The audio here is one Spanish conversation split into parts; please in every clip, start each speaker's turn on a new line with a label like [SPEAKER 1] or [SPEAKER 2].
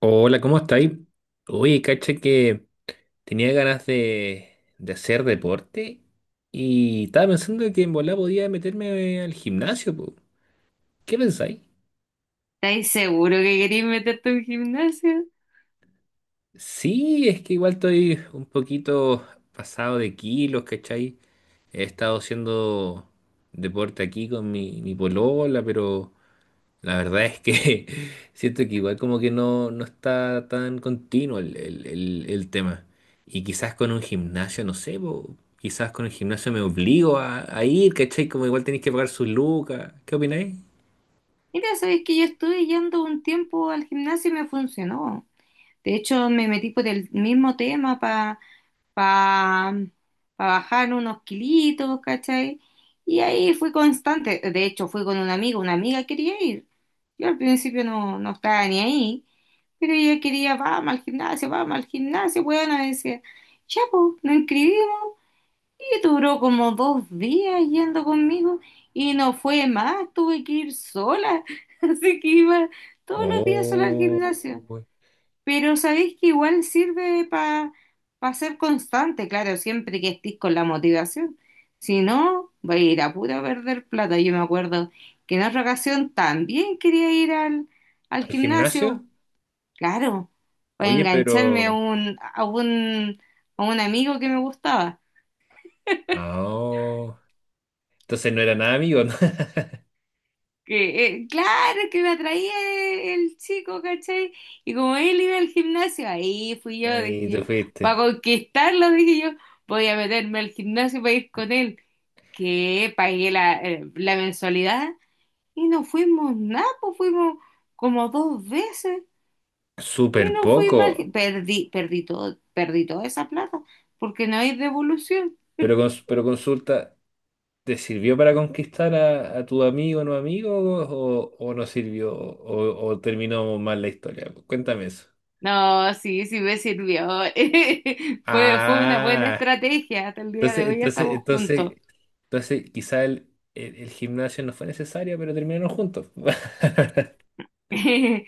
[SPEAKER 1] Hola, ¿cómo estáis? Oye, cacha que tenía ganas de hacer deporte y estaba pensando que en volá podía meterme al gimnasio, po. ¿Qué pensáis?
[SPEAKER 2] ¿Estáis seguro que queréis meterte a un gimnasio?
[SPEAKER 1] Sí, es que igual estoy un poquito pasado de kilos, ¿cachai? He estado haciendo deporte aquí con mi polola, pero la verdad es que siento que igual como que no, no está tan continuo el tema. Y quizás con un gimnasio, no sé, po, quizás con el gimnasio me obligo a ir, ¿cachai? Como igual tenéis que pagar sus lucas. ¿Qué opináis?
[SPEAKER 2] Mira, sabéis que yo estuve yendo un tiempo al gimnasio y me funcionó. De hecho, me metí por el mismo tema para pa, pa- pa bajar unos kilitos, ¿cachai? Y ahí fui constante. De hecho, fui con una amiga quería ir. Yo al principio no, no estaba ni ahí, pero ella quería, vamos al gimnasio, bueno, decía, ya, pues, nos inscribimos. Y duró como dos días yendo conmigo y no fue más, tuve que ir sola, así que iba todos los días sola al
[SPEAKER 1] Oh,
[SPEAKER 2] gimnasio.
[SPEAKER 1] uy.
[SPEAKER 2] Pero sabéis que igual sirve para ser constante, claro, siempre que estés con la motivación. Si no, va a ir a puro perder plata. Yo me acuerdo que en otra ocasión también quería ir al
[SPEAKER 1] ¿Al gimnasio?
[SPEAKER 2] gimnasio, claro, para
[SPEAKER 1] Oye,
[SPEAKER 2] engancharme a
[SPEAKER 1] pero...
[SPEAKER 2] un, a un amigo que me gustaba.
[SPEAKER 1] Ah, oh. Entonces no eran amigos, ¿no?
[SPEAKER 2] Que claro, que me atraía el, el chico, ¿cachai? Y como él iba al gimnasio, ahí fui yo,
[SPEAKER 1] Ahí
[SPEAKER 2] dije yo,
[SPEAKER 1] tú
[SPEAKER 2] para
[SPEAKER 1] fuiste.
[SPEAKER 2] conquistarlo, dije yo, voy a meterme al gimnasio para ir con él, que pagué la, la mensualidad y no fuimos nada, pues fuimos como dos veces
[SPEAKER 1] Súper
[SPEAKER 2] y no fui
[SPEAKER 1] poco.
[SPEAKER 2] mal, perdí todo, perdí toda esa plata, porque no hay devolución.
[SPEAKER 1] Pero, pero consulta. ¿Te sirvió para conquistar a tu amigo o no amigo o no sirvió o terminó mal la historia? Cuéntame eso.
[SPEAKER 2] No, sí, sí me sirvió. Fue una buena
[SPEAKER 1] Ah,
[SPEAKER 2] estrategia. Hasta el día de
[SPEAKER 1] entonces,
[SPEAKER 2] hoy
[SPEAKER 1] entonces,
[SPEAKER 2] estamos juntos.
[SPEAKER 1] entonces, entonces quizá el gimnasio no fue necesario, pero terminaron juntos.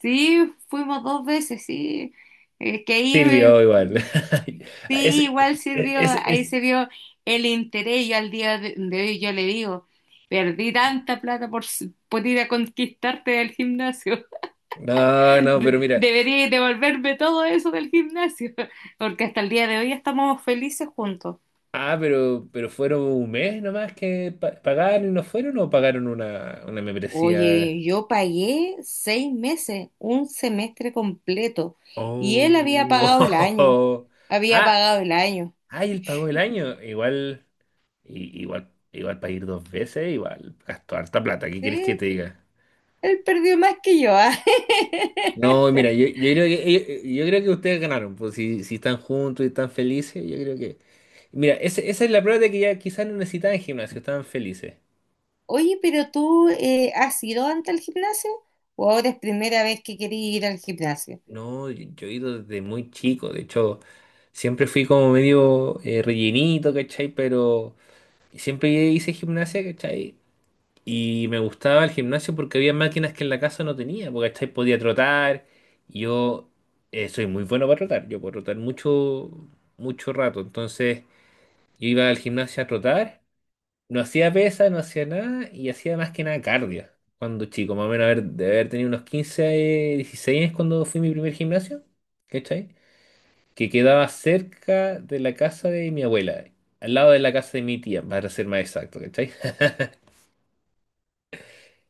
[SPEAKER 2] Sí, fuimos dos veces, sí. Es que ahí,
[SPEAKER 1] Sirvió igual.
[SPEAKER 2] sí,
[SPEAKER 1] Ese-
[SPEAKER 2] igual
[SPEAKER 1] e-
[SPEAKER 2] sirvió,
[SPEAKER 1] ese-
[SPEAKER 2] ahí
[SPEAKER 1] ese-
[SPEAKER 2] se vio el interés. Yo al día de hoy yo le digo, perdí tanta plata por, s- por ir a conquistarte del gimnasio.
[SPEAKER 1] No, no, pero mira.
[SPEAKER 2] Debería devolverme todo eso del gimnasio, porque hasta el día de hoy estamos felices juntos.
[SPEAKER 1] Ah, pero fueron un mes nomás que pagaron y no fueron o pagaron una membresía.
[SPEAKER 2] Oye, yo pagué seis meses, un semestre completo, y él había pagado el año,
[SPEAKER 1] Oh.
[SPEAKER 2] había
[SPEAKER 1] Ah,
[SPEAKER 2] pagado el año.
[SPEAKER 1] ay, él pagó el año. Igual, igual para ir dos veces, igual gastó harta plata. ¿Qué quieres que
[SPEAKER 2] Sí,
[SPEAKER 1] te diga?
[SPEAKER 2] él perdió más que yo. Ah.
[SPEAKER 1] No, mira, yo creo que yo creo que ustedes ganaron, pues si, si están juntos y están felices, yo creo que. Mira, esa es la prueba de que ya quizás no necesitaban gimnasio, estaban felices.
[SPEAKER 2] Oye, pero tú ¿has ido antes al gimnasio? ¿O ahora es primera vez que querías ir al gimnasio?
[SPEAKER 1] No, yo he ido desde muy chico, de hecho, siempre fui como medio rellenito, ¿cachai? Pero siempre hice gimnasia, ¿cachai? Y me gustaba el gimnasio porque había máquinas que en la casa no tenía, porque ¿cachai? Podía trotar. Y yo soy muy bueno para trotar, yo puedo trotar mucho, mucho rato. Entonces yo iba al gimnasio a trotar, no hacía pesa, no hacía nada y hacía más que nada cardio. Cuando chico, más o menos haber, de haber tenido unos 15 16 años cuando fui a mi primer gimnasio, ¿cachai? Que quedaba cerca de la casa de mi abuela, al lado de la casa de mi tía, para ser más exacto, ¿cachai?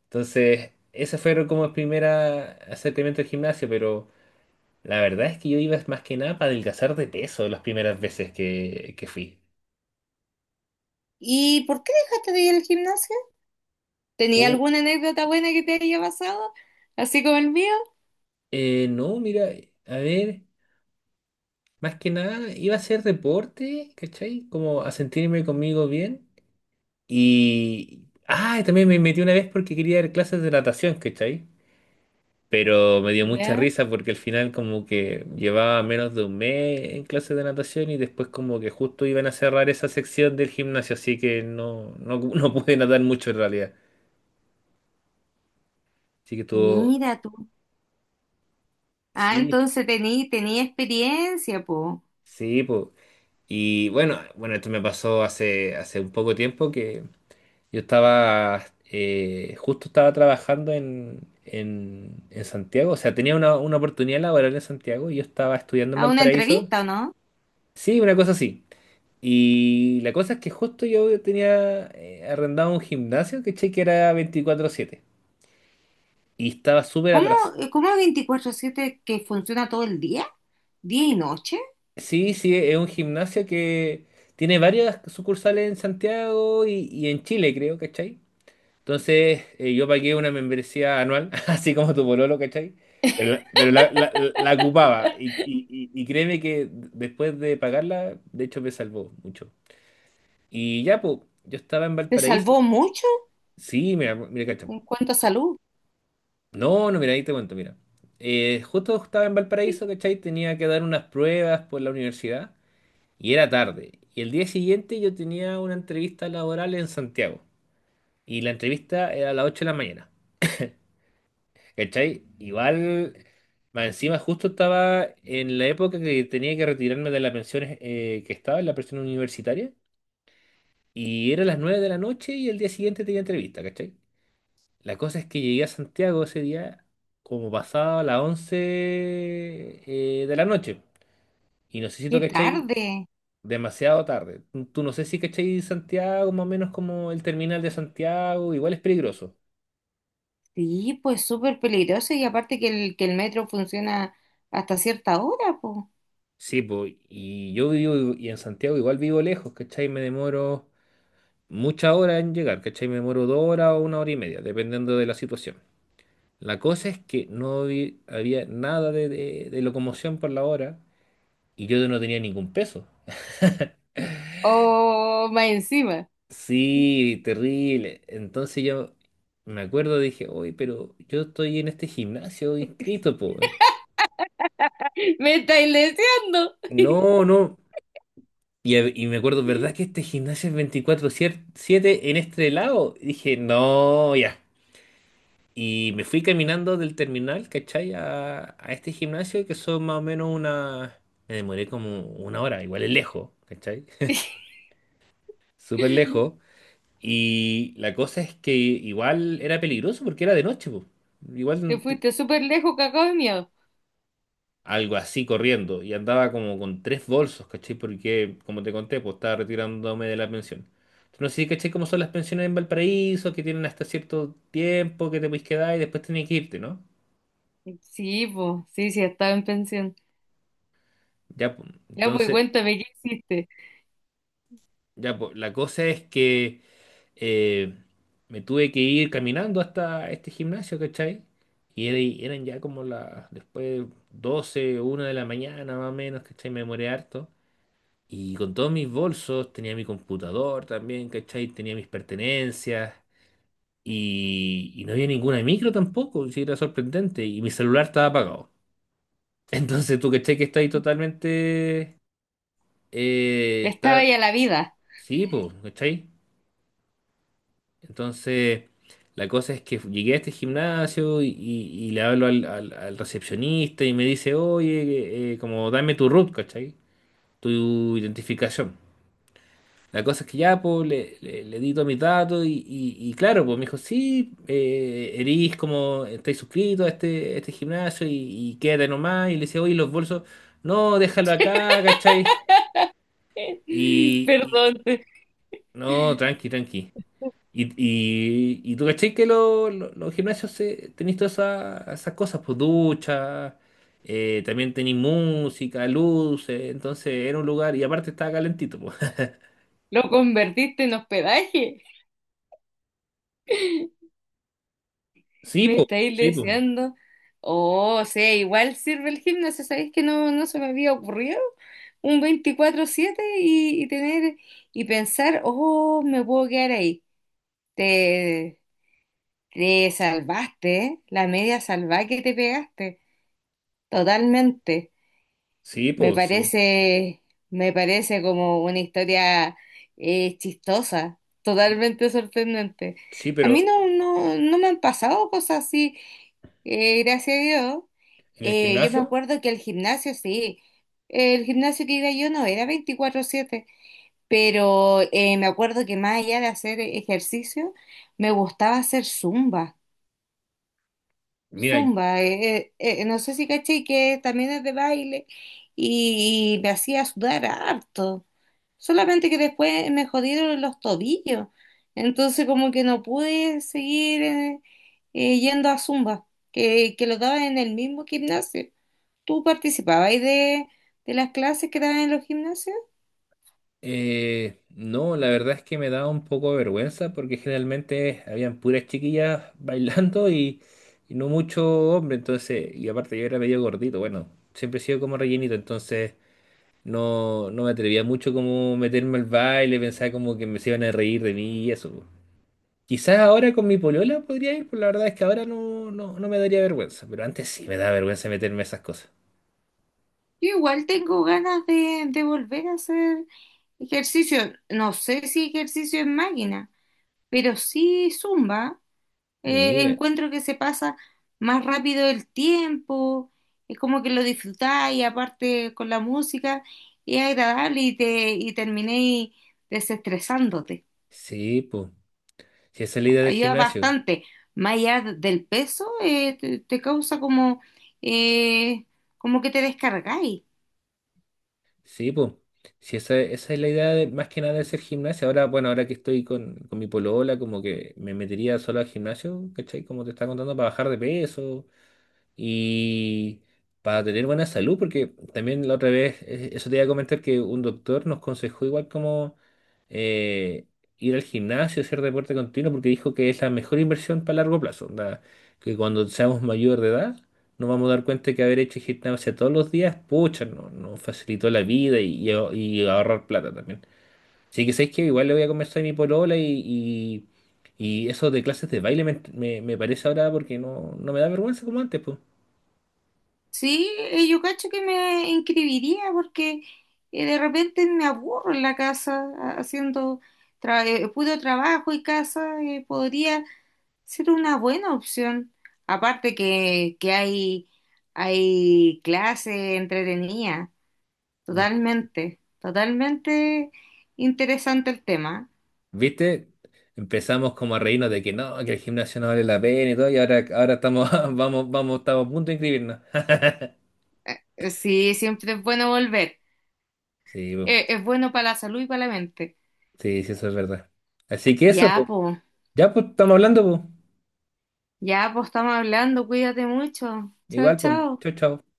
[SPEAKER 1] Entonces, ese fueron como el primer acercamiento al gimnasio, pero la verdad es que yo iba más que nada para adelgazar de peso las primeras veces que fui.
[SPEAKER 2] ¿Y por qué dejaste de ir al gimnasio? ¿Tenía
[SPEAKER 1] Uh,
[SPEAKER 2] alguna anécdota buena que te haya pasado? Así como el mío.
[SPEAKER 1] no, mira, a ver, más que nada iba a hacer deporte, ¿cachai? Como a sentirme conmigo bien. Y... Ah, y también me metí una vez porque quería dar clases de natación, ¿cachai? Pero me dio mucha
[SPEAKER 2] Ya.
[SPEAKER 1] risa porque al final como que llevaba menos de un mes en clases de natación y después como que justo iban a cerrar esa sección del gimnasio, así que no pude nadar mucho en realidad. Así que todo,
[SPEAKER 2] Mira tú. Ah,
[SPEAKER 1] sí,
[SPEAKER 2] entonces tenía experiencia, po.
[SPEAKER 1] sí, pues. Y bueno, bueno, esto me pasó hace un poco tiempo que yo estaba, justo estaba trabajando en Santiago, o sea, tenía una oportunidad laboral en Santiago y yo estaba estudiando en
[SPEAKER 2] A una
[SPEAKER 1] Valparaíso.
[SPEAKER 2] entrevista, ¿o no?
[SPEAKER 1] Sí, una cosa así. Y la cosa es que justo yo tenía arrendado un gimnasio, ¿cachai? Que era veinticuatro siete. Y estaba súper
[SPEAKER 2] ¿Cómo,
[SPEAKER 1] atrás.
[SPEAKER 2] cómo veinticuatro siete que funciona todo el día? ¿Día y noche?
[SPEAKER 1] Sí, sí, es un gimnasio que tiene varias sucursales en Santiago y en Chile, creo, ¿cachai? Entonces yo pagué una membresía anual, así como tu pololo, ¿cachai? Pero, la ocupaba. Y créeme que después de pagarla, de hecho me salvó mucho. Y ya, pues, yo estaba en
[SPEAKER 2] ¿Te
[SPEAKER 1] Valparaíso.
[SPEAKER 2] salvó mucho
[SPEAKER 1] Sí, mira, mira, cacha.
[SPEAKER 2] en cuanto a salud?
[SPEAKER 1] No, no, mira, ahí te cuento, mira. Justo estaba en Valparaíso, ¿cachai? Tenía que dar unas pruebas por la universidad y era tarde. Y el día siguiente yo tenía una entrevista laboral en Santiago y la entrevista era a las 8 de la mañana, ¿cachai? Igual, más encima justo estaba en la época que tenía que retirarme de la pensión que estaba, en la pensión universitaria, y era las 9 de la noche y el día siguiente tenía entrevista, ¿cachai? La cosa es que llegué a Santiago ese día como pasado a las 11 de la noche. Y no sé si tú
[SPEAKER 2] Qué
[SPEAKER 1] cachai
[SPEAKER 2] tarde.
[SPEAKER 1] demasiado tarde. Tú no sé si cachai Santiago, más o menos como el terminal de Santiago, igual es peligroso.
[SPEAKER 2] Sí, pues súper peligroso y aparte que el metro funciona hasta cierta hora, pues.
[SPEAKER 1] Sí, pues, y yo vivo en Santiago igual vivo lejos, ¿cachai? Me demoro muchas horas en llegar, ¿cachai? Me demoro dos horas o una hora y media, dependiendo de la situación. La cosa es que había nada de locomoción por la hora y yo no tenía ningún peso.
[SPEAKER 2] Oh, más encima.
[SPEAKER 1] Sí, terrible. Entonces yo me acuerdo, dije, oye, pero yo estoy en este gimnasio inscrito, po. Weón".
[SPEAKER 2] Me estáis deseando.
[SPEAKER 1] No, no. Y, y me acuerdo, ¿verdad que este gimnasio es 24/7 en este lado? Y dije, no, ya. Y me fui caminando del terminal, ¿cachai? A este gimnasio que son más o menos una... Me demoré como una hora, igual es lejos, ¿cachai? Súper lejos. Y la cosa es que igual era peligroso porque era de noche, po.
[SPEAKER 2] Te
[SPEAKER 1] Igual
[SPEAKER 2] fuiste súper lejos, cacao de miedo.
[SPEAKER 1] algo así corriendo y andaba como con tres bolsos, ¿cachai? Porque, como te conté, pues estaba retirándome de la pensión. Entonces, no sé si cachai cómo son las pensiones en Valparaíso, que tienen hasta cierto tiempo que te puedes quedar y después tienes que irte, ¿no?
[SPEAKER 2] Sí, pues, sí, sí, estaba en pensión.
[SPEAKER 1] Ya, pues,
[SPEAKER 2] Ya, pues,
[SPEAKER 1] entonces,
[SPEAKER 2] cuéntame, ¿qué hiciste?
[SPEAKER 1] ya, pues, la cosa es que eh, me tuve que ir caminando hasta este gimnasio, ¿cachai? Y eran ya como las, después doce una de la mañana más o menos, ¿cachai? Me demoré harto. Y con todos mis bolsos, tenía mi computador también, ¿cachai? Tenía mis pertenencias. Y no había ninguna micro tampoco, si era sorprendente. Y mi celular estaba apagado. Entonces tú, ¿cachai? Que está ahí totalmente...
[SPEAKER 2] Estaba
[SPEAKER 1] está...
[SPEAKER 2] ya la vida.
[SPEAKER 1] Sí, pues, ¿cachai? Entonces, la cosa es que llegué a este gimnasio y le hablo al recepcionista y me dice, oye, como dame tu root, ¿cachai? Tu identificación. La cosa es que ya, pues, le di todos mis datos y claro, pues me dijo, sí, erís como, estáis suscrito a a este gimnasio y quédate nomás. Y le decía, oye, los bolsos, no, déjalo acá, ¿cachai? Y, y-
[SPEAKER 2] Perdón,
[SPEAKER 1] no, tranqui, tranqui. Y tú, ¿cachai? Que los gimnasios se, tenéis todas esas cosas, pues ducha, también tenéis música, luces, entonces era un lugar y aparte estaba calentito, pues.
[SPEAKER 2] lo convertiste en hospedaje.
[SPEAKER 1] Sí,
[SPEAKER 2] Me
[SPEAKER 1] pues,
[SPEAKER 2] estáis
[SPEAKER 1] sí, pues,
[SPEAKER 2] deseando. Oh, o sea, igual sirve el gimnasio, ¿sabéis que no, no se me había ocurrido? Un veinticuatro siete y tener y pensar, oh, me puedo quedar ahí. Te, te salvaste, ¿eh? La media salvada que te pegaste. Totalmente.
[SPEAKER 1] sí,
[SPEAKER 2] Me
[SPEAKER 1] pues, sí.
[SPEAKER 2] parece, me parece como una historia chistosa, totalmente sorprendente.
[SPEAKER 1] Sí,
[SPEAKER 2] A mí
[SPEAKER 1] pero
[SPEAKER 2] no, no, no me han pasado cosas así, gracias a Dios.
[SPEAKER 1] en el
[SPEAKER 2] Yo me
[SPEAKER 1] gimnasio,
[SPEAKER 2] acuerdo que el gimnasio, sí, el gimnasio que iba yo no era 24/7, pero me acuerdo que más allá de hacer ejercicio, me gustaba hacer zumba.
[SPEAKER 1] mira,
[SPEAKER 2] Zumba, no sé si caché que también es de baile y, me hacía sudar harto, solamente que después me jodieron los tobillos, entonces como que no pude seguir yendo a zumba, que lo daba en el mismo gimnasio. ¿Tú participabas de las clases que daban en los gimnasios?
[SPEAKER 1] no, la verdad es que me da un poco de vergüenza porque generalmente habían puras chiquillas bailando y no mucho hombre, entonces, y aparte yo era medio gordito, bueno, siempre he sido como rellenito, entonces no, no me atrevía mucho como meterme al baile, pensaba como que me se iban a reír de mí y eso. Po. Quizás ahora con mi polola podría ir, pero la verdad es que ahora no, no me daría vergüenza, pero antes sí me daba vergüenza meterme a esas cosas.
[SPEAKER 2] Yo igual tengo ganas de volver a hacer ejercicio. No sé si ejercicio en máquina, pero sí zumba.
[SPEAKER 1] Mire,
[SPEAKER 2] Encuentro que se pasa más rápido el tiempo, es como que lo disfrutáis, y aparte con la música, y es agradable y te y terminéis desestresándote.
[SPEAKER 1] sí, pues. Si esa es la idea del
[SPEAKER 2] Ayuda
[SPEAKER 1] gimnasio.
[SPEAKER 2] bastante. Más allá del peso, te causa como, eh, como que te descargáis.
[SPEAKER 1] Sí, pues. Si esa, esa es la idea de- más que nada de hacer gimnasio. Ahora, bueno, ahora que estoy con mi polola, como que me metería solo al gimnasio, ¿cachai? Como te estaba contando, para bajar de peso. Y para tener buena salud, porque también la otra vez, eso te iba a comentar que un doctor nos aconsejó igual como eh, ir al gimnasio, hacer deporte continuo, porque dijo que es la mejor inversión para largo plazo, onda, que cuando seamos mayor de edad nos vamos a dar cuenta que haber hecho gimnasia todos los días, pucha, nos facilitó la vida y ahorrar plata también. Así que sabéis que igual le voy a conversar a mi polola y eso de clases de baile me parece ahora porque no, no me da vergüenza como antes, pues.
[SPEAKER 2] Sí, yo cacho que me inscribiría porque de repente me aburro en la casa haciendo puro trabajo y casa, podría ser una buena opción. Aparte que hay clases entretenidas, totalmente, totalmente interesante el tema.
[SPEAKER 1] ¿Viste? Empezamos como a reírnos de que no, que el gimnasio no vale la pena y todo, y ahora, ahora estamos, vamos, vamos, estamos a punto de inscribirnos.
[SPEAKER 2] Sí, siempre es bueno volver.
[SPEAKER 1] Sí, po.
[SPEAKER 2] Es bueno para la salud y para la mente.
[SPEAKER 1] Sí, sí, eso es verdad. Así que eso,
[SPEAKER 2] Ya,
[SPEAKER 1] po.
[SPEAKER 2] po,
[SPEAKER 1] Ya, pues, estamos hablando, po.
[SPEAKER 2] ya, po, estamos hablando. Cuídate mucho. Chao,
[SPEAKER 1] Igual, pues.
[SPEAKER 2] chao.
[SPEAKER 1] Chau, chau.